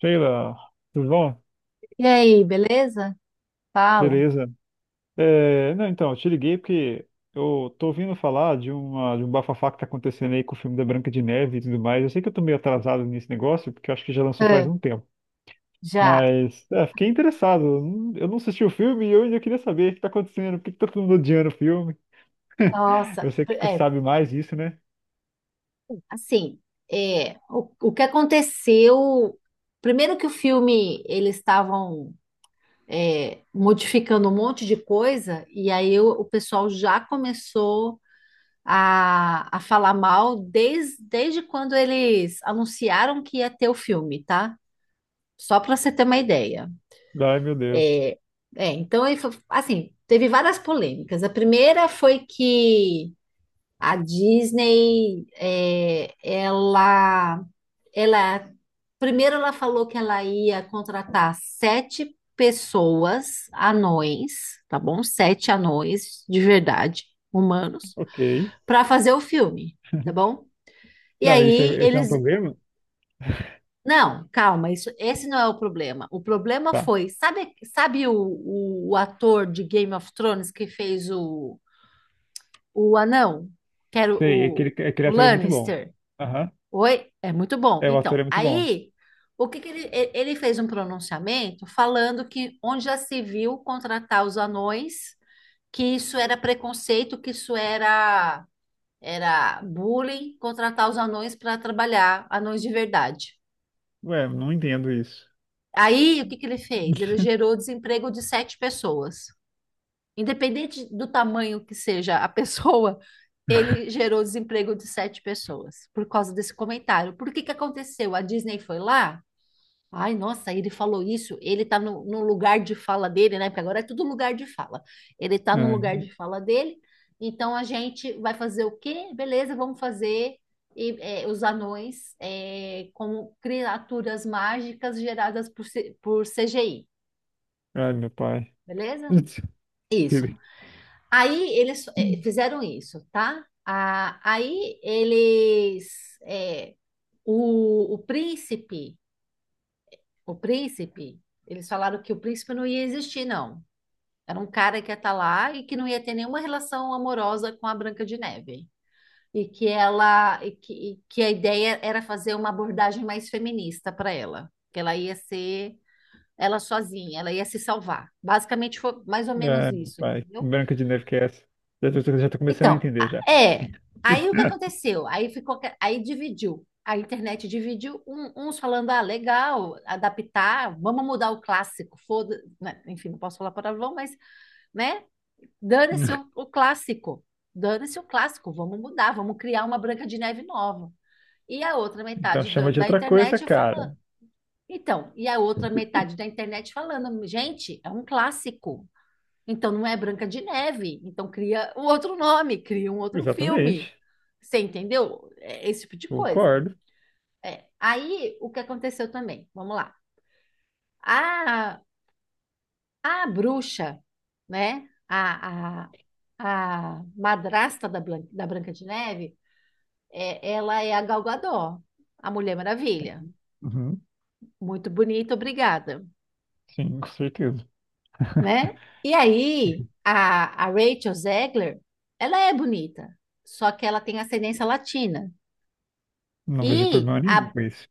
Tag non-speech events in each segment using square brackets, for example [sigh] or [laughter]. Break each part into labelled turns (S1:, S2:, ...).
S1: Sheila, tudo bom?
S2: E aí, beleza? Fala.
S1: Beleza. É, não, então, eu te liguei porque eu tô ouvindo falar de um bafafá que tá acontecendo aí com o filme da Branca de Neve e tudo mais. Eu sei que eu tô meio atrasado nesse negócio, porque eu acho que já lançou faz
S2: É,
S1: um tempo.
S2: já.
S1: Mas, é, fiquei interessado. Eu não assisti o filme e eu ainda queria saber o que tá acontecendo, por que que tá todo mundo odiando o filme.
S2: Nossa,
S1: Você que
S2: é,
S1: sabe mais disso, né?
S2: assim, o que aconteceu? Primeiro que o filme, eles estavam modificando um monte de coisa, e aí o pessoal já começou a falar mal desde quando eles anunciaram que ia ter o filme, tá? Só para você ter uma ideia.
S1: Ai, meu Deus.
S2: É, então, assim, teve várias polêmicas. A primeira foi que a Disney, ela, primeiro ela falou que ela ia contratar sete pessoas, anões, tá bom? Sete anões de verdade, humanos,
S1: Ok.
S2: para fazer o filme, tá bom? E
S1: Não,
S2: aí
S1: esse é um
S2: eles,
S1: problema?
S2: não, calma, isso, esse não é o problema. O problema
S1: Tá.
S2: foi, sabe, sabe o ator de Game of Thrones que fez o anão, que era
S1: Sei, aquele
S2: o
S1: ator é muito bom.
S2: Lannister?
S1: Aham.
S2: Oi, é muito bom.
S1: É, o ator
S2: Então,
S1: é muito bom.
S2: aí, o que que ele, e- ele fez um pronunciamento falando que onde já se viu contratar os anões, que isso era preconceito, que isso era bullying, contratar os anões para trabalhar, anões de verdade.
S1: Ué, não entendo isso.
S2: Aí, o que que ele fez? Ele
S1: [laughs]
S2: gerou desemprego de sete pessoas. Independente do tamanho que seja a [laughs] pessoa, ele gerou desemprego de sete pessoas por causa desse comentário. Por que que aconteceu? A Disney foi lá. Ai, nossa, ele falou isso. Ele tá no lugar de fala dele, né? Porque agora é tudo lugar de fala. Ele tá no
S1: Ai,
S2: lugar de fala dele. Então a gente vai fazer o quê? Beleza, vamos fazer os anões como criaturas mágicas geradas por CGI,
S1: ai, meu pai.
S2: beleza?
S1: [laughs]
S2: Isso. Aí eles fizeram isso, tá? Ah, o, o príncipe, o príncipe, eles falaram que o príncipe não ia existir, não. Era um cara que ia estar lá e que não ia ter nenhuma relação amorosa com a Branca de Neve. E que ela, e que a ideia era fazer uma abordagem mais feminista para ela, que ela ia ser ela sozinha, ela ia se salvar. Basicamente foi mais ou menos
S1: Ai, meu
S2: isso,
S1: pai.
S2: entendeu?
S1: Branca de Neve que é essa? Já tô começando a
S2: Então,
S1: entender
S2: a-
S1: já.
S2: é. Aí o que aconteceu? Aí dividiu. A internet dividiu, uns falando, ah, legal, adaptar, vamos mudar o clássico, foda, né? Enfim, não posso falar palavrão, mas, né? Dane-se
S1: [laughs]
S2: o clássico. Dane-se o clássico. Vamos mudar, vamos criar uma Branca de Neve nova. E a outra
S1: Então
S2: metade
S1: chama de
S2: da
S1: outra coisa,
S2: internet falando.
S1: cara.
S2: Então, e a outra metade da internet falando, gente, é um clássico. Então não é Branca de Neve. Então cria um outro nome, cria um outro filme.
S1: Exatamente.
S2: Você entendeu? É esse tipo de coisa.
S1: Concordo.
S2: É. Aí o que aconteceu também? Vamos lá. Ah, a bruxa, né? A madrasta da Branca de Neve, ela é a Gal Gadot, a Mulher Maravilha.
S1: Uhum.
S2: Muito bonita, obrigada,
S1: Sim, com certeza. [laughs]
S2: né? E aí, a Rachel Zegler, ela é bonita, só que ela tem ascendência latina.
S1: Não vejo
S2: E
S1: problema nenhum
S2: a-
S1: com isso.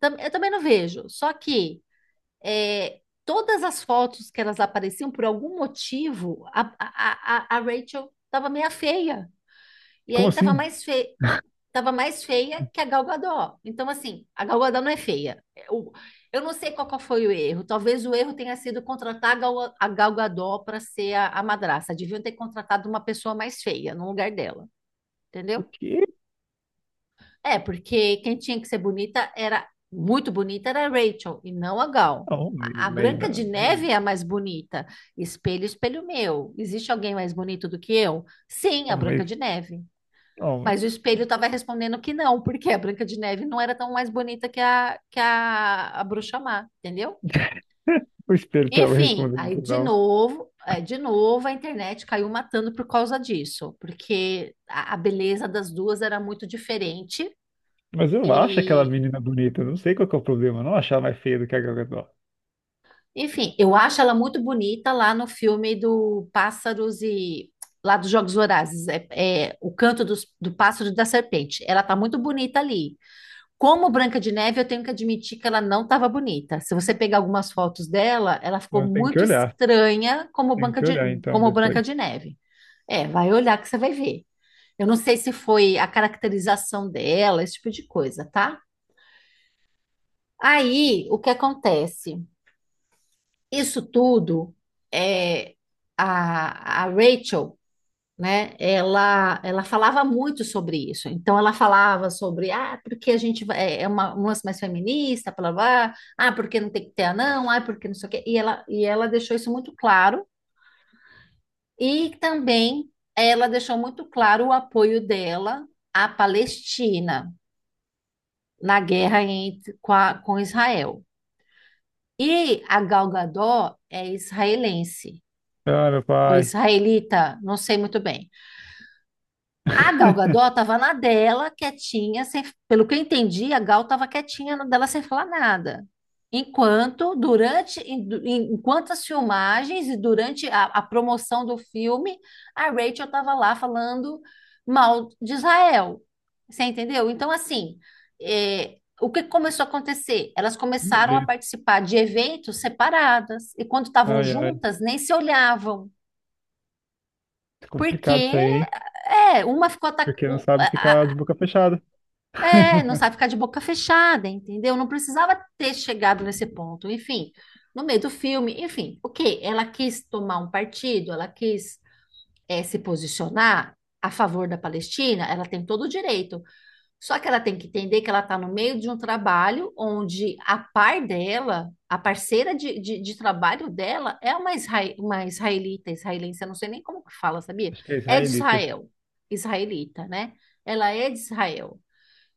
S2: eu também não vejo, só que todas as fotos que elas apareciam, por algum motivo, a Rachel estava meia feia. E
S1: Como
S2: aí
S1: assim?
S2: tava mais feia que a Gal Gadot. Então, assim, a Gal Gadot não é feia. Eu não sei qual foi o erro. Talvez o erro tenha sido contratar a Gal Gadot para ser a madraça. Deviam ter contratado uma pessoa mais feia no lugar dela,
S1: O
S2: entendeu?
S1: quê?
S2: É, porque quem tinha que ser bonita, era muito bonita, era a Rachel e não a Gal.
S1: Oh,
S2: A
S1: mas,
S2: Branca de
S1: não, mas,
S2: Neve é a mais bonita. Espelho, espelho meu. Existe alguém mais bonito do que eu? Sim, a
S1: oh, mas,
S2: Branca de Neve.
S1: oh, mas.
S2: Mas o espelho estava respondendo que não, porque a Branca de Neve não era tão mais bonita que a Bruxa Má, entendeu?
S1: [laughs] O espelho tava
S2: Enfim,
S1: respondendo
S2: aí
S1: que não.
S2: de novo a internet caiu matando por causa disso, porque a beleza das duas era muito diferente
S1: Mas eu acho aquela
S2: e,
S1: menina bonita, não sei qual que é o problema, eu não achar mais feia do que a Gal Gadot.
S2: enfim, eu acho ela muito bonita lá no filme do Pássaros e lá dos Jogos Vorazes, é o canto do pássaro e da serpente. Ela tá muito bonita ali. Como Branca de Neve, eu tenho que admitir que ela não estava bonita. Se você pegar algumas fotos dela, ela ficou
S1: Então tem que
S2: muito
S1: olhar,
S2: estranha
S1: tem que olhar então
S2: Como
S1: depois.
S2: Branca de Neve. É, vai olhar que você vai ver. Eu não sei se foi a caracterização dela, esse tipo de coisa, tá? Aí, o que acontece? Isso tudo, é, a Rachel, né? Ela falava muito sobre isso. Então, ela falava sobre, ah, porque é um lance mais feminista, blá, blá, blá. Ah, porque não tem que ter anão, ah, porque não sei o quê. E ela deixou isso muito claro. E também ela deixou muito claro o apoio dela à Palestina na guerra com Israel. E a Gal Gadot é israelense,
S1: Ah, meu
S2: ou
S1: pai.
S2: israelita, não sei muito bem. A Gal Gadot
S1: [laughs]
S2: estava na dela, quietinha, sem, pelo que eu entendi, a Gal estava quietinha na dela sem falar nada. Enquanto as filmagens e durante a promoção do filme, a Rachel estava lá falando mal de Israel. Você entendeu? Então, assim, o que começou a acontecer? Elas começaram a
S1: Beleza.
S2: participar de eventos separadas, e quando estavam
S1: Ai, ai.
S2: juntas, nem se olhavam.
S1: É
S2: Porque
S1: complicado isso aí, hein?
S2: uma ficou atacando,
S1: Porque não sabe ficar de boca fechada.
S2: não
S1: [laughs]
S2: sabe ficar de boca fechada, entendeu? Não precisava ter chegado nesse ponto. Enfim, no meio do filme, enfim, o quê? Ela quis tomar um partido, ela quis se posicionar a favor da Palestina, ela tem todo o direito. Só que ela tem que entender que ela está no meio de um trabalho onde a parceira de trabalho dela, é uma israelita, israelense, eu não sei nem como que fala, sabia?
S1: Acho que é
S2: É de
S1: israelita.
S2: Israel, israelita, né? Ela é de Israel.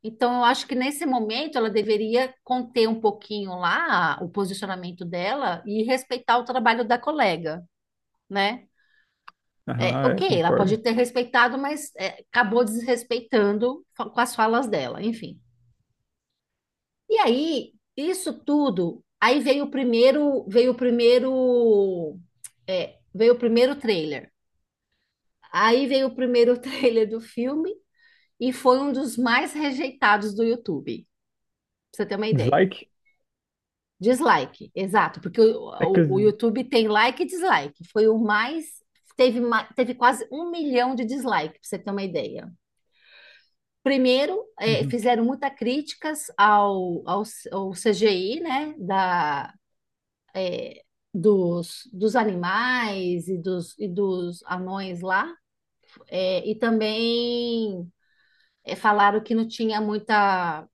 S2: Então, eu acho que nesse momento ela deveria conter um pouquinho lá o posicionamento dela e respeitar o trabalho da colega, né? É,
S1: Aham, é,
S2: ok, ela pode
S1: concordo.
S2: ter respeitado, mas acabou desrespeitando com as falas dela, enfim. E aí, isso tudo, aí veio o primeiro, é, veio o primeiro trailer. Aí veio o primeiro [laughs] trailer do filme e foi um dos mais rejeitados do YouTube, pra você ter uma ideia.
S1: Dislike?
S2: Dislike, exato, porque
S1: É que.
S2: o YouTube tem like e dislike. Foi o mais. Teve quase 1 milhão de dislike, para você ter uma ideia. Primeiro,
S1: Uhum.
S2: fizeram muitas críticas ao CGI, né? Eh, Dos animais e dos anões lá. E também falaram que não tinha muita.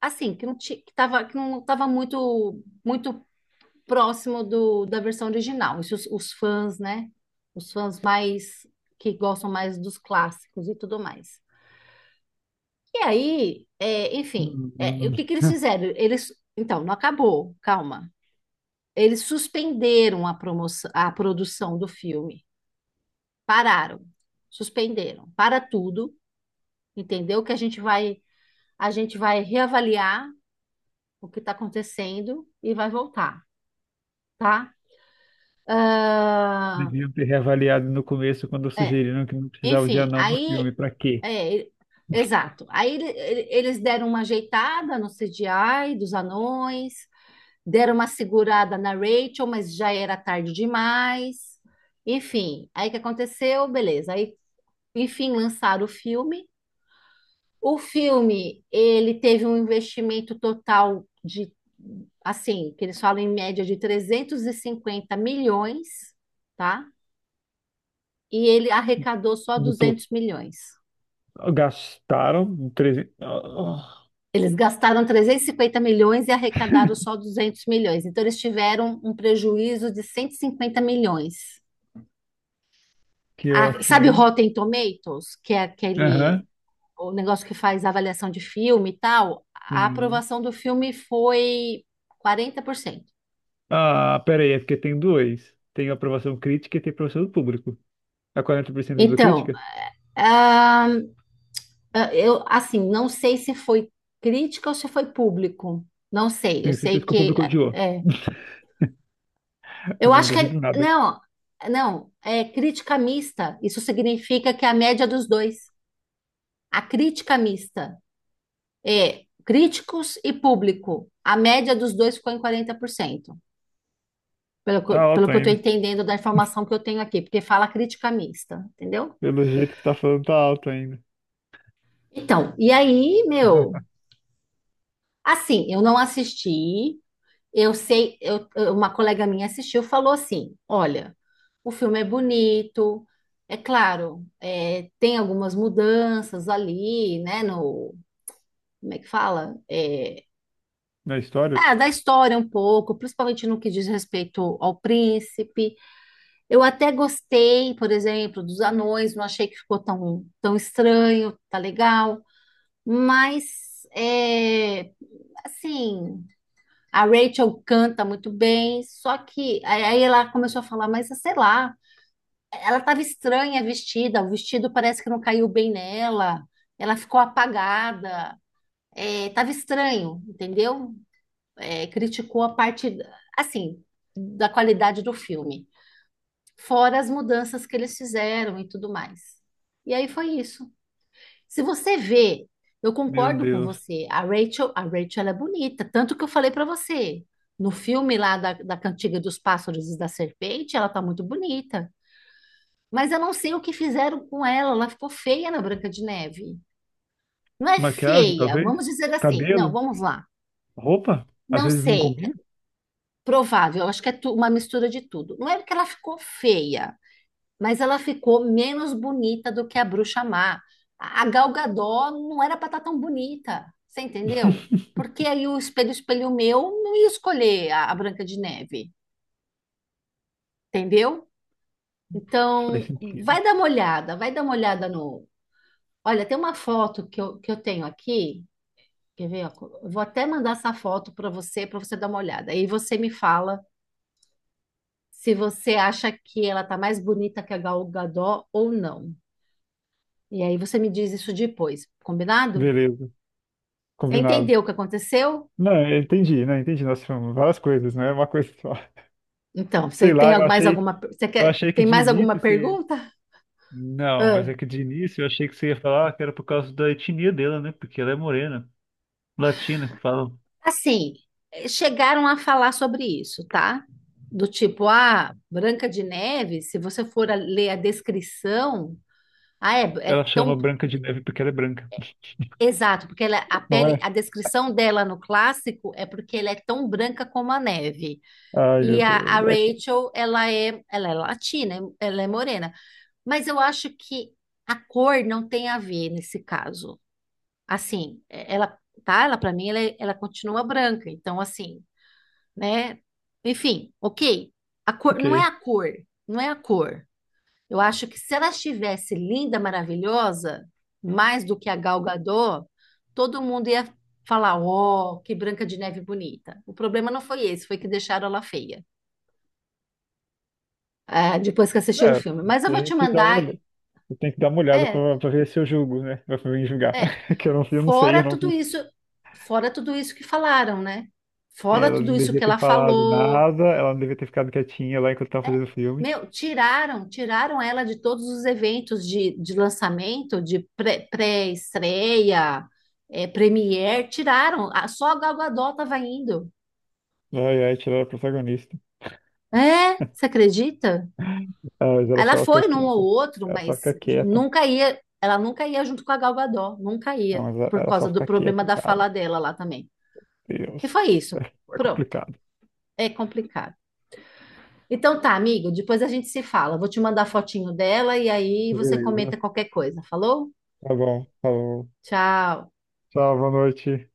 S2: Assim, que não ti- que tava, que não estava muito próximo da versão original. Isso os fãs, né? Os fãs mais que gostam mais dos clássicos e tudo mais. E aí, enfim, o que que eles
S1: [laughs]
S2: fizeram? Eles, então, não acabou, calma. Eles suspenderam a promoção, a produção do filme. Pararam, suspenderam, para tudo, entendeu? Que a gente vai, A gente vai reavaliar o que está acontecendo e vai voltar, tá? Ah,
S1: Deviam ter reavaliado no começo quando
S2: é,
S1: sugeriram que não precisava de
S2: enfim,
S1: anão no filme.
S2: aí
S1: Pra quê?
S2: É, ele- exato. Aí eles deram uma ajeitada no CGI dos anões, deram uma segurada na Rachel, mas já era tarde demais. Enfim, aí o que aconteceu? Beleza. Aí, enfim, lançaram o filme. O filme, ele teve um investimento total de, assim, que eles falam em média de 350 milhões, tá? E ele arrecadou só
S1: No to...
S2: 200 milhões.
S1: Gastaram 300. Oh,
S2: Eles gastaram 350 milhões e arrecadaram só 200 milhões. Então, eles tiveram um prejuízo de 150 milhões.
S1: que ótimo,
S2: Sabe o
S1: hein?
S2: Rotten Tomatoes, que é aquele
S1: Aham.
S2: o negócio que faz a avaliação de filme e tal? A
S1: Sim.
S2: aprovação do filme foi 40%.
S1: Ah, pera aí, é porque tem dois. Tem a aprovação crítica e tem a aprovação do público. A 40% da
S2: Então,
S1: crítica?
S2: ah, eu assim, não sei se foi crítica ou se foi público. Não sei.
S1: Tenho certeza que o público odiou.
S2: É,
S1: [laughs] Eu
S2: Eu
S1: não
S2: acho que é,
S1: duvido nada.
S2: não, não, é crítica mista. Isso significa que é a média dos dois. A crítica mista é críticos e público. A média dos dois ficou em 40%,
S1: Tá
S2: pelo
S1: alto
S2: que eu estou
S1: ainda.
S2: entendendo da informação que eu tenho aqui, porque fala crítica mista, entendeu?
S1: Pelo jeito que tá falando, tá alto ainda.
S2: Então, e aí, meu,
S1: [laughs]
S2: assim, eu não assisti. Eu sei, eu- Uma colega minha assistiu, falou assim: olha, o filme é bonito, é claro, tem algumas mudanças ali, né? No, Como é que fala?
S1: Na história?
S2: Ah, da história um pouco, principalmente no que diz respeito ao príncipe. Eu até gostei, por exemplo, dos anões, não achei que ficou tão estranho, tá legal, mas assim. A Rachel canta muito bem, só que aí ela começou a falar, mas sei lá, ela estava estranha vestida, o vestido parece que não caiu bem nela, ela ficou apagada, estava estranho, entendeu? É, criticou a parte, assim, da qualidade do filme, fora as mudanças que eles fizeram e tudo mais. E aí foi isso. Se você vê, eu
S1: Meu
S2: concordo com
S1: Deus.
S2: você. A Rachel, ela é bonita, tanto que eu falei pra você. No filme lá da Cantiga dos Pássaros e da Serpente, ela tá muito bonita. Mas eu não sei o que fizeram com ela, ela ficou feia na Branca de Neve. Não é
S1: Maquiagem,
S2: feia,
S1: talvez?
S2: vamos dizer assim. Não,
S1: Cabelo?
S2: vamos lá.
S1: Roupa? Às
S2: Não
S1: vezes não
S2: sei, é
S1: combina?
S2: provável, eu acho que é uma mistura de tudo. Não é porque ela ficou feia, mas ela ficou menos bonita do que a Bruxa Má. A Gal Gadot não era para estar tão bonita, você entendeu? Porque aí o espelho, espelho meu, não ia escolher a Branca de Neve, entendeu?
S1: Faz
S2: Então,
S1: sentido.
S2: vai dar uma olhada, vai dar uma olhada no. Olha, tem uma foto que eu tenho aqui, quer ver? Ó? Eu vou até mandar essa foto para você dar uma olhada. Aí você me fala se você acha que ela tá mais bonita que a Gal Gadot ou não. E aí você me diz isso depois, combinado?
S1: Beleza,
S2: Você
S1: combinado.
S2: entendeu o que aconteceu?
S1: Não, eu entendi, né? Entendi. Nós falamos várias coisas, não é uma coisa só. [laughs]
S2: Então, você
S1: Sei
S2: tem
S1: lá,
S2: al- mais alguma, você
S1: eu
S2: quer,
S1: achei que
S2: tem
S1: de
S2: mais alguma
S1: início você.
S2: pergunta?
S1: Não, mas
S2: Ah,
S1: é que de início eu achei que você ia falar que era por causa da etnia dela, né? Porque ela é morena, latina, que falam.
S2: assim, chegaram a falar sobre isso, tá? Do tipo, ah, Branca de Neve, se você for ler a descrição,
S1: Ela
S2: é
S1: chama
S2: tão
S1: Branca de Neve porque ela é branca.
S2: exato, porque ela, a
S1: Não
S2: pele,
S1: é?
S2: a descrição dela no clássico é porque ela é tão branca como a neve.
S1: Ai,
S2: E
S1: meu
S2: a
S1: Deus. É,
S2: Rachel, ela é latina, ela é morena. Mas eu acho que a cor não tem a ver nesse caso. Assim, tá? Ela para mim ela, é- Ela continua branca. Então assim, né? Enfim, OK. A cor não é a
S1: ok.
S2: cor, não é a cor. Eu acho que se ela estivesse linda, maravilhosa, mais do que a Gal Gadot, todo mundo ia falar, ó, que Branca de Neve bonita. O problema não foi esse, foi que deixaram ela feia, ah, depois que assistiram o
S1: É,
S2: filme. Mas eu vou
S1: tem
S2: te
S1: que dar uma
S2: mandar,
S1: olhada. Eu tenho que dar uma olhada
S2: é,
S1: pra ver se eu julgo, né? Pra mim julgar.
S2: É,
S1: [laughs] Que eu não sei,
S2: fora
S1: eu não
S2: tudo
S1: vi.
S2: isso, fora tudo isso que falaram, né?
S1: É,
S2: Fora
S1: ela
S2: tudo
S1: não
S2: isso
S1: devia
S2: que
S1: ter
S2: ela
S1: falado
S2: falou.
S1: nada, ela não devia ter ficado quietinha lá enquanto estava
S2: É,
S1: fazendo o filme.
S2: meu, tiraram ela de todos os eventos de lançamento, de pré-estreia, premiere, tiraram. Só a Gal Gadot tava indo.
S1: Ai, ai, tirar a protagonista.
S2: É, você acredita?
S1: Ah, mas ela
S2: Ela
S1: só fica
S2: foi num ou
S1: quieta.
S2: outro,
S1: Ela só
S2: mas
S1: fica quieta.
S2: nunca ia, ela nunca ia junto com a Gal Gadot, nunca
S1: Não,
S2: ia,
S1: mas ela
S2: por
S1: ela só
S2: causa do
S1: fica
S2: problema
S1: quieta,
S2: da
S1: cara.
S2: fala dela lá também. E
S1: Deus.
S2: foi isso.
S1: É
S2: Pronto.
S1: complicado.
S2: É complicado. Então tá, amigo, depois a gente se fala. Vou te mandar a fotinho dela e aí você comenta
S1: Beleza.
S2: qualquer coisa. Falou?
S1: Tá bom, falou.
S2: Tchau.
S1: Tchau, boa noite.